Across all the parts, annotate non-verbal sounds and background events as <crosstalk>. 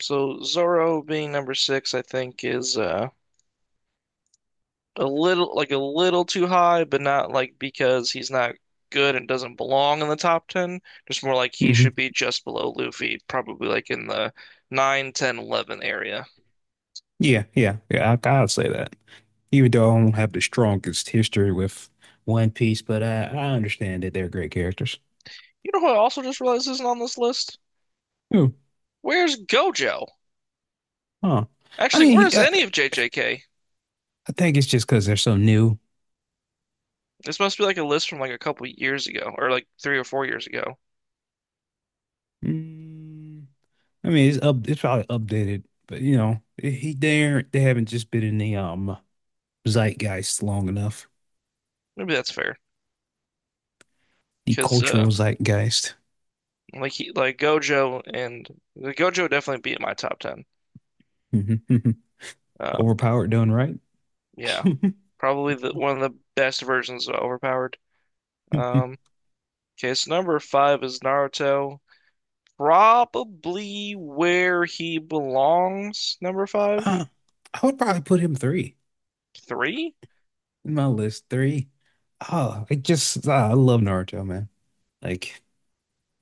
So Zoro being number six, I think, is a little too high, but not like because he's not good and doesn't belong in the top ten. Just more like he hmm should be just below Luffy, probably like in the 9, 10, 11 area. Yeah, yeah, yeah. I'll say that. Even though I don't have the strongest history with One Piece, but I understand that they're great characters. You know who I also just realized isn't on this list? Who? Where's Gojo? Huh. I Actually, mean, where's any of JJK? I think it's just because they're so new. This must be like a list from like a couple years ago, or like 3 or 4 years ago. Mm, I mean, it's up. It's probably updated, but you know, he there. They haven't just been in the zeitgeist long enough. Maybe that's fair, The because cultural zeitgeist. Like Gojo definitely be in my top ten. <laughs> Um, Overpowered, done right. yeah, <laughs> probably one of the best versions of overpowered. Um, okay, so number five is Naruto. Probably where he belongs, number five? Uh, I would probably put him three. Three? My list three. Oh, I love Naruto, man. Like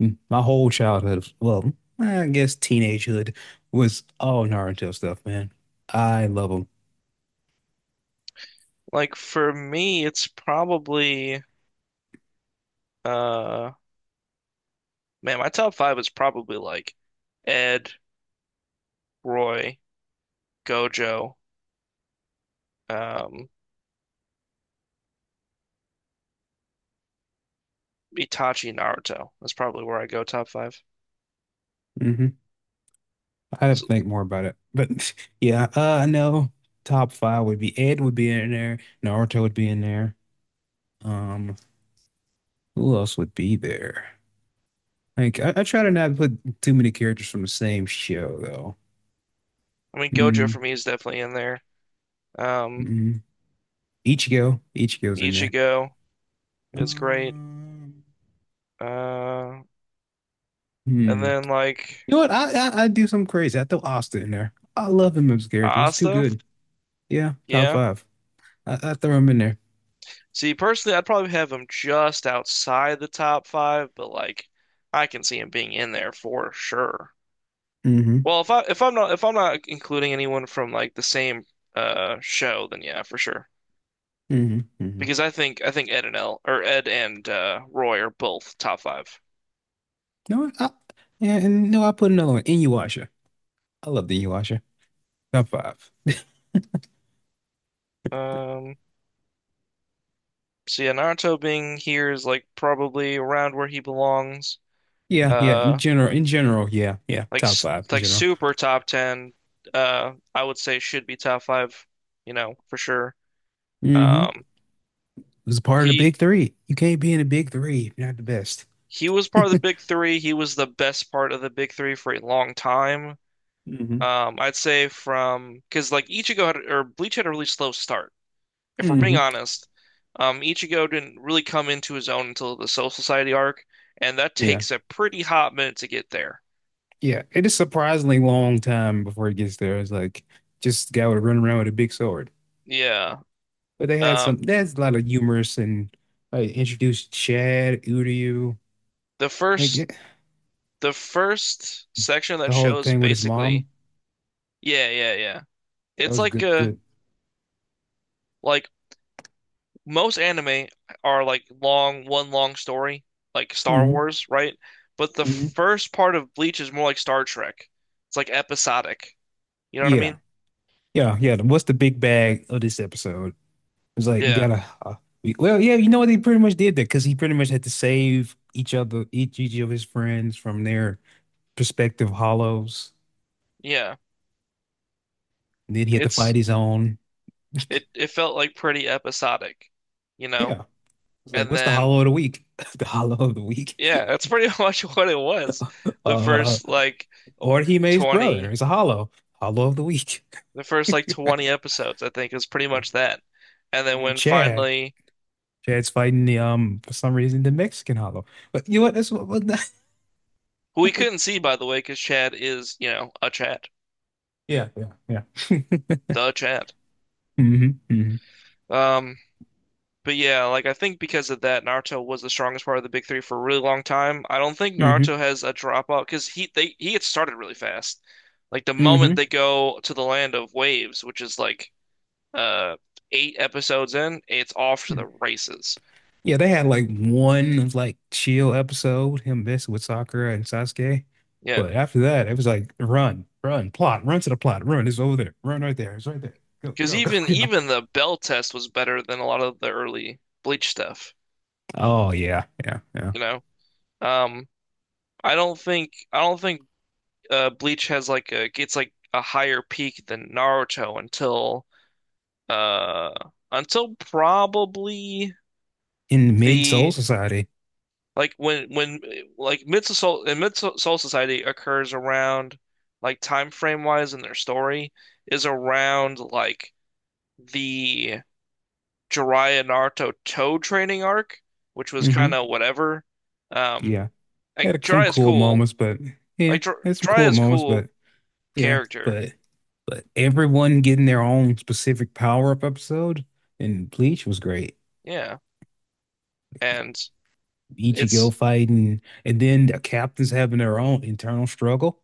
my whole childhood, well, I guess teenagehood was all Naruto stuff, man. I love them. Like for me, it's probably uh man, my top five is probably like Ed, Roy, Gojo, um, Itachi, Naruto. That's probably where I go top five. Hmm. I have to So, think more about it, but <laughs> yeah, I know top five would be Ed would be in there, Naruto would be in there. Um, who else would be there? Like I try to not put too many characters from the same show though. I mean, Gojo for Mm-hmm. me is definitely in there. Um, Mm-hmm. Ichigo's in there. Ichigo is great. Um, Uh, and Hmm. then like You know what? I do something crazy. I throw Asta in there. I love him as a character. He's too Asta, good. Yeah, top yeah. five. I throw him in there. See, personally, I'd probably have him just outside the top five, but like I can see him being in there for sure. Mm-hmm. Well, if I'm not including anyone from like the same show, then yeah, for sure. Mm-hmm. Mm-hmm. You Because I think Ed and Roy are both top five. know what? Yeah, and no, I put another one. Inuyasha. I love the Inuyasha. Top five. Um, so yeah, Naruto being here is like probably around where he belongs. Yeah, yeah. Uh. In general, yeah, yeah. Like Top five in general. super top 10. I would say should be top 5, for sure. Mm-hmm. It Um was part of the he big three. You can't be in the big three. If you're not the best. he was part of the big three. He was the best part of the big three for a long time. Mm-hmm. I'd say from cuz like Ichigo had or Bleach had a really slow start. If we're Mm-hmm. being honest, Ichigo didn't really come into his own until the Soul Society arc, and that Yeah. takes a pretty hot minute to get there. Yeah. It is surprisingly long time before it gets there. It's like just a guy would run around with a big sword. Yeah. But they had Um, there's a lot of humorous and like introduced Chad, Udiu, the like yeah, first section of that the whole show is thing with his basically. mom. Yeah, yeah, yeah. That It's was like good, good. like most anime are like long one long story, like Star Hmm. Wars, right? But the Hmm. first part of Bleach is more like Star Trek. It's like episodic. You know what I Yeah. mean? Yeah. Yeah. What's the big bag of this episode? It's like, we Yeah. gotta, well, yeah, you know what? They pretty much did that because he pretty much had to save each other, each of his friends from their prospective hollows. Yeah. And then he had to It's fight his own. it felt like pretty episodic, you know? Yeah. It's like, And what's the then hollow of the week? <laughs> The hollow of the week. yeah, that's pretty <laughs> much what it was. <laughs> The Uh, first like or Hime's brother. 20 It's a hollow. Hollow of the week. <laughs> the first like 20 episodes, I think, is pretty much that. And then when Chad. finally Chad's fighting the for some reason the Mexican hollow. But you know what? That's who we what couldn't see by the way, because Chad is a Chad, yeah, yeah, yeah. <laughs> the Chad. Hmm. Hmm. Um, but yeah, like I think because of that, Naruto was the strongest part of the big three for a really long time. I don't think Hmm. Naruto has a dropout because he gets started really fast. Like the Hmm. moment they go to the land of waves, which is like uh eight episodes in, it's off to the races. Yeah, they had like one like chill episode, him messing with Sakura and Sasuke. Yeah, But after that, it was like run, run, plot, run to the plot, run. It's over there. Run right there. It's right there. Go, because go, <laughs> even go, go. even the bell test was better than a lot of the early Bleach stuff. Oh yeah, yeah, yeah. You know, um, I don't think Bleach has like a gets like a higher peak than Naruto until uh probably In mid Soul the Society. like when like Mid Soul Society occurs around like time frame wise in their story is around like the Jiraiya Naruto toe training arc, which was kind Hmm. of whatever. Um, Yeah. like Had some Jiraiya's cool cool, moments, but yeah, like Jir had some cool Jiraiya's moments, cool but yeah, character, but everyone getting their own specific power-up episode in Bleach was great. yeah, and Ichigo it's fighting, and then the captains having their own internal struggle.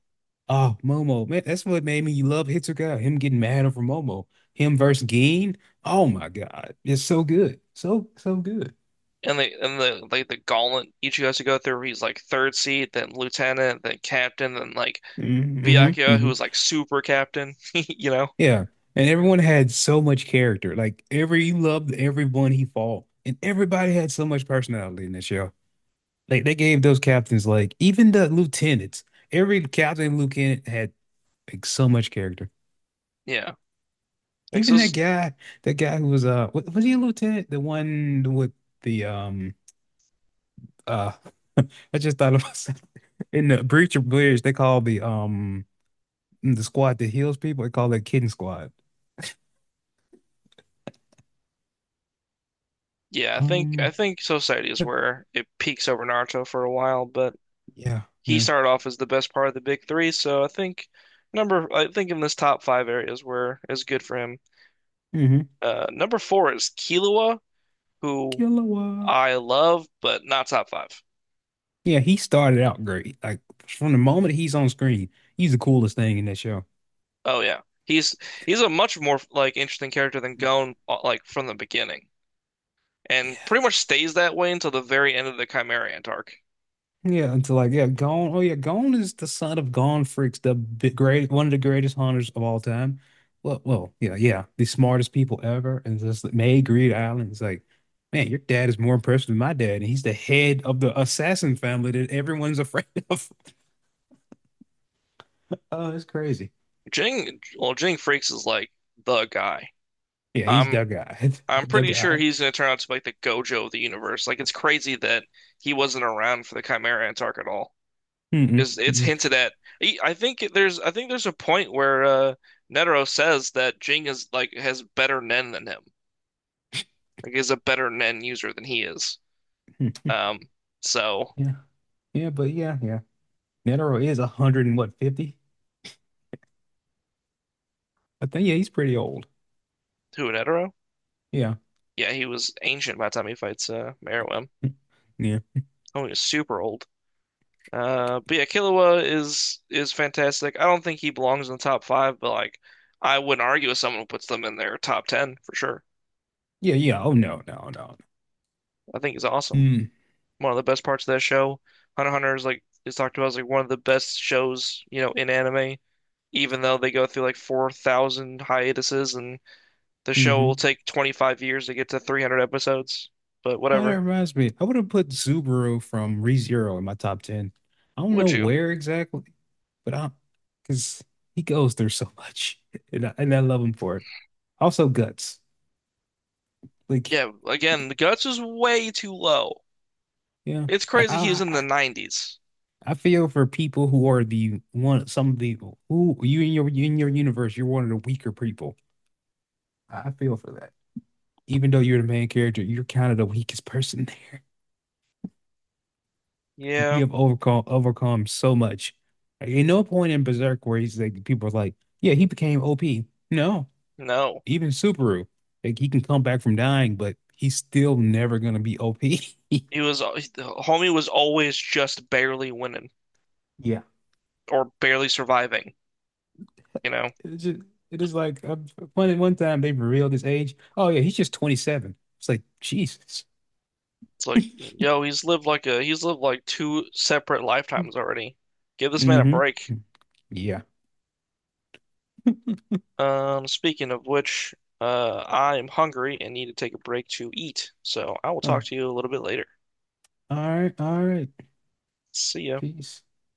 Oh, Momo, man, that's what made me love Hitsuga. Him getting mad over Momo, him versus Gin. Oh my God, it's so good, so so good. and the gauntlet Ichigo has to go through. He's like third seat, then lieutenant, then captain, then like Mm-hmm, mm-hmm, Byakuya, who mm-hmm. was like super captain. <laughs> You know? Yeah. And everyone had so much character. Like every you loved everyone he fought. And everybody had so much personality in that show. Like they gave those captains like even the lieutenants. Every captain and lieutenant had like so much character. Yeah. Like so. Even that guy, that guy who was was he a lieutenant? The one with the uh <laughs> I just thought of myself. <laughs> In the Breach of Bridge, they call the squad that heals people, they call it Kitten Squad. Yeah, I think I Um think Society is yeah, where it peaks over Naruto for a while, but yeah. he started off as the best part of the big three. So I think in this top five areas where is good for him. Mm-hmm. Number four is Killua, who Killua. I love, but not top five. Yeah, he started out great. Like from the moment he's on screen, he's the coolest thing in that show. Oh yeah, he's a much more like interesting character than Gon like from the beginning, and Yeah, pretty much stays that way until the very end of the Chimeriant arc. yeah. Until like, yeah, Gon. Oh yeah, Gon is the son of Gon Freaks, the big, great one of the greatest hunters of all time. Yeah, yeah, the smartest people ever, and just like, made Greed Island. It's like, man, your dad is more impressive than my dad, and he's the head of the assassin family that everyone's afraid <laughs> of. Oh, it's crazy. Jing, well, Jing Freaks is like the guy. Yeah, he's I'm the guy, I'm <laughs> the pretty sure guy. he's gonna turn out to be like the Gojo of the universe. Like it's crazy that he wasn't around for the Chimeriant arc at all. Mm-mm, It's mm-mm. hinted at. I think there's a point where Netero says that Jing is like has better Nen than him. Like he's a better Nen user than he is. Mm. Um, so Yeah, yeah, but yeah, yeah. Netero is a hundred and what, 50? I think yeah, he's pretty old. Huanetaro? Yeah, Yeah, he was ancient by the time he fights Meruem. yeah, Oh, he was super old. But yeah, Killua is fantastic. I don't think he belongs in the top five, but like I wouldn't argue with someone who puts them in their top ten for sure. yeah, yeah. Oh no, no, no. I think he's awesome. Mm. One of the best parts of that show. Hunter x Hunter is talked about as like one of the best shows, in anime, even though they go through like 4,000 hiatuses and the show will Mm-hmm. take 25 years to get to 300 episodes. But Oh, that whatever. reminds me. I would have put Subaru from ReZero in my top ten. I don't Would know you? where exactly, but because he goes through so much, <laughs> and and I love him for it. Also, guts. Like, Yeah, again, the guts is way too low. yeah, It's I, crazy he was I, in the I 90s. I feel for people who are the one. Some of the who you in your universe, you're one of the weaker people. I feel for that. Even though you're the main character, you're kind of the weakest person there. <laughs> Yeah, You have overcome so much. Like, at no point in Berserk where he's like people are like, yeah, he became OP. No, no. even Subaru, like he can come back from dying, but he's still never gonna be OP. <laughs> Homie was always just barely winning Yeah, or barely surviving, you know? it's just it is like one time they revealed his age. Oh yeah, he's just 27. It's like Jesus. It's like, yo, he's lived like two separate lifetimes already. Give this man a Mm-hmm. break. Yeah. Speaking of which, I'm hungry and need to take a break to eat. So I will Uh, talk to you a little bit later. all right, all right. See ya. Peace.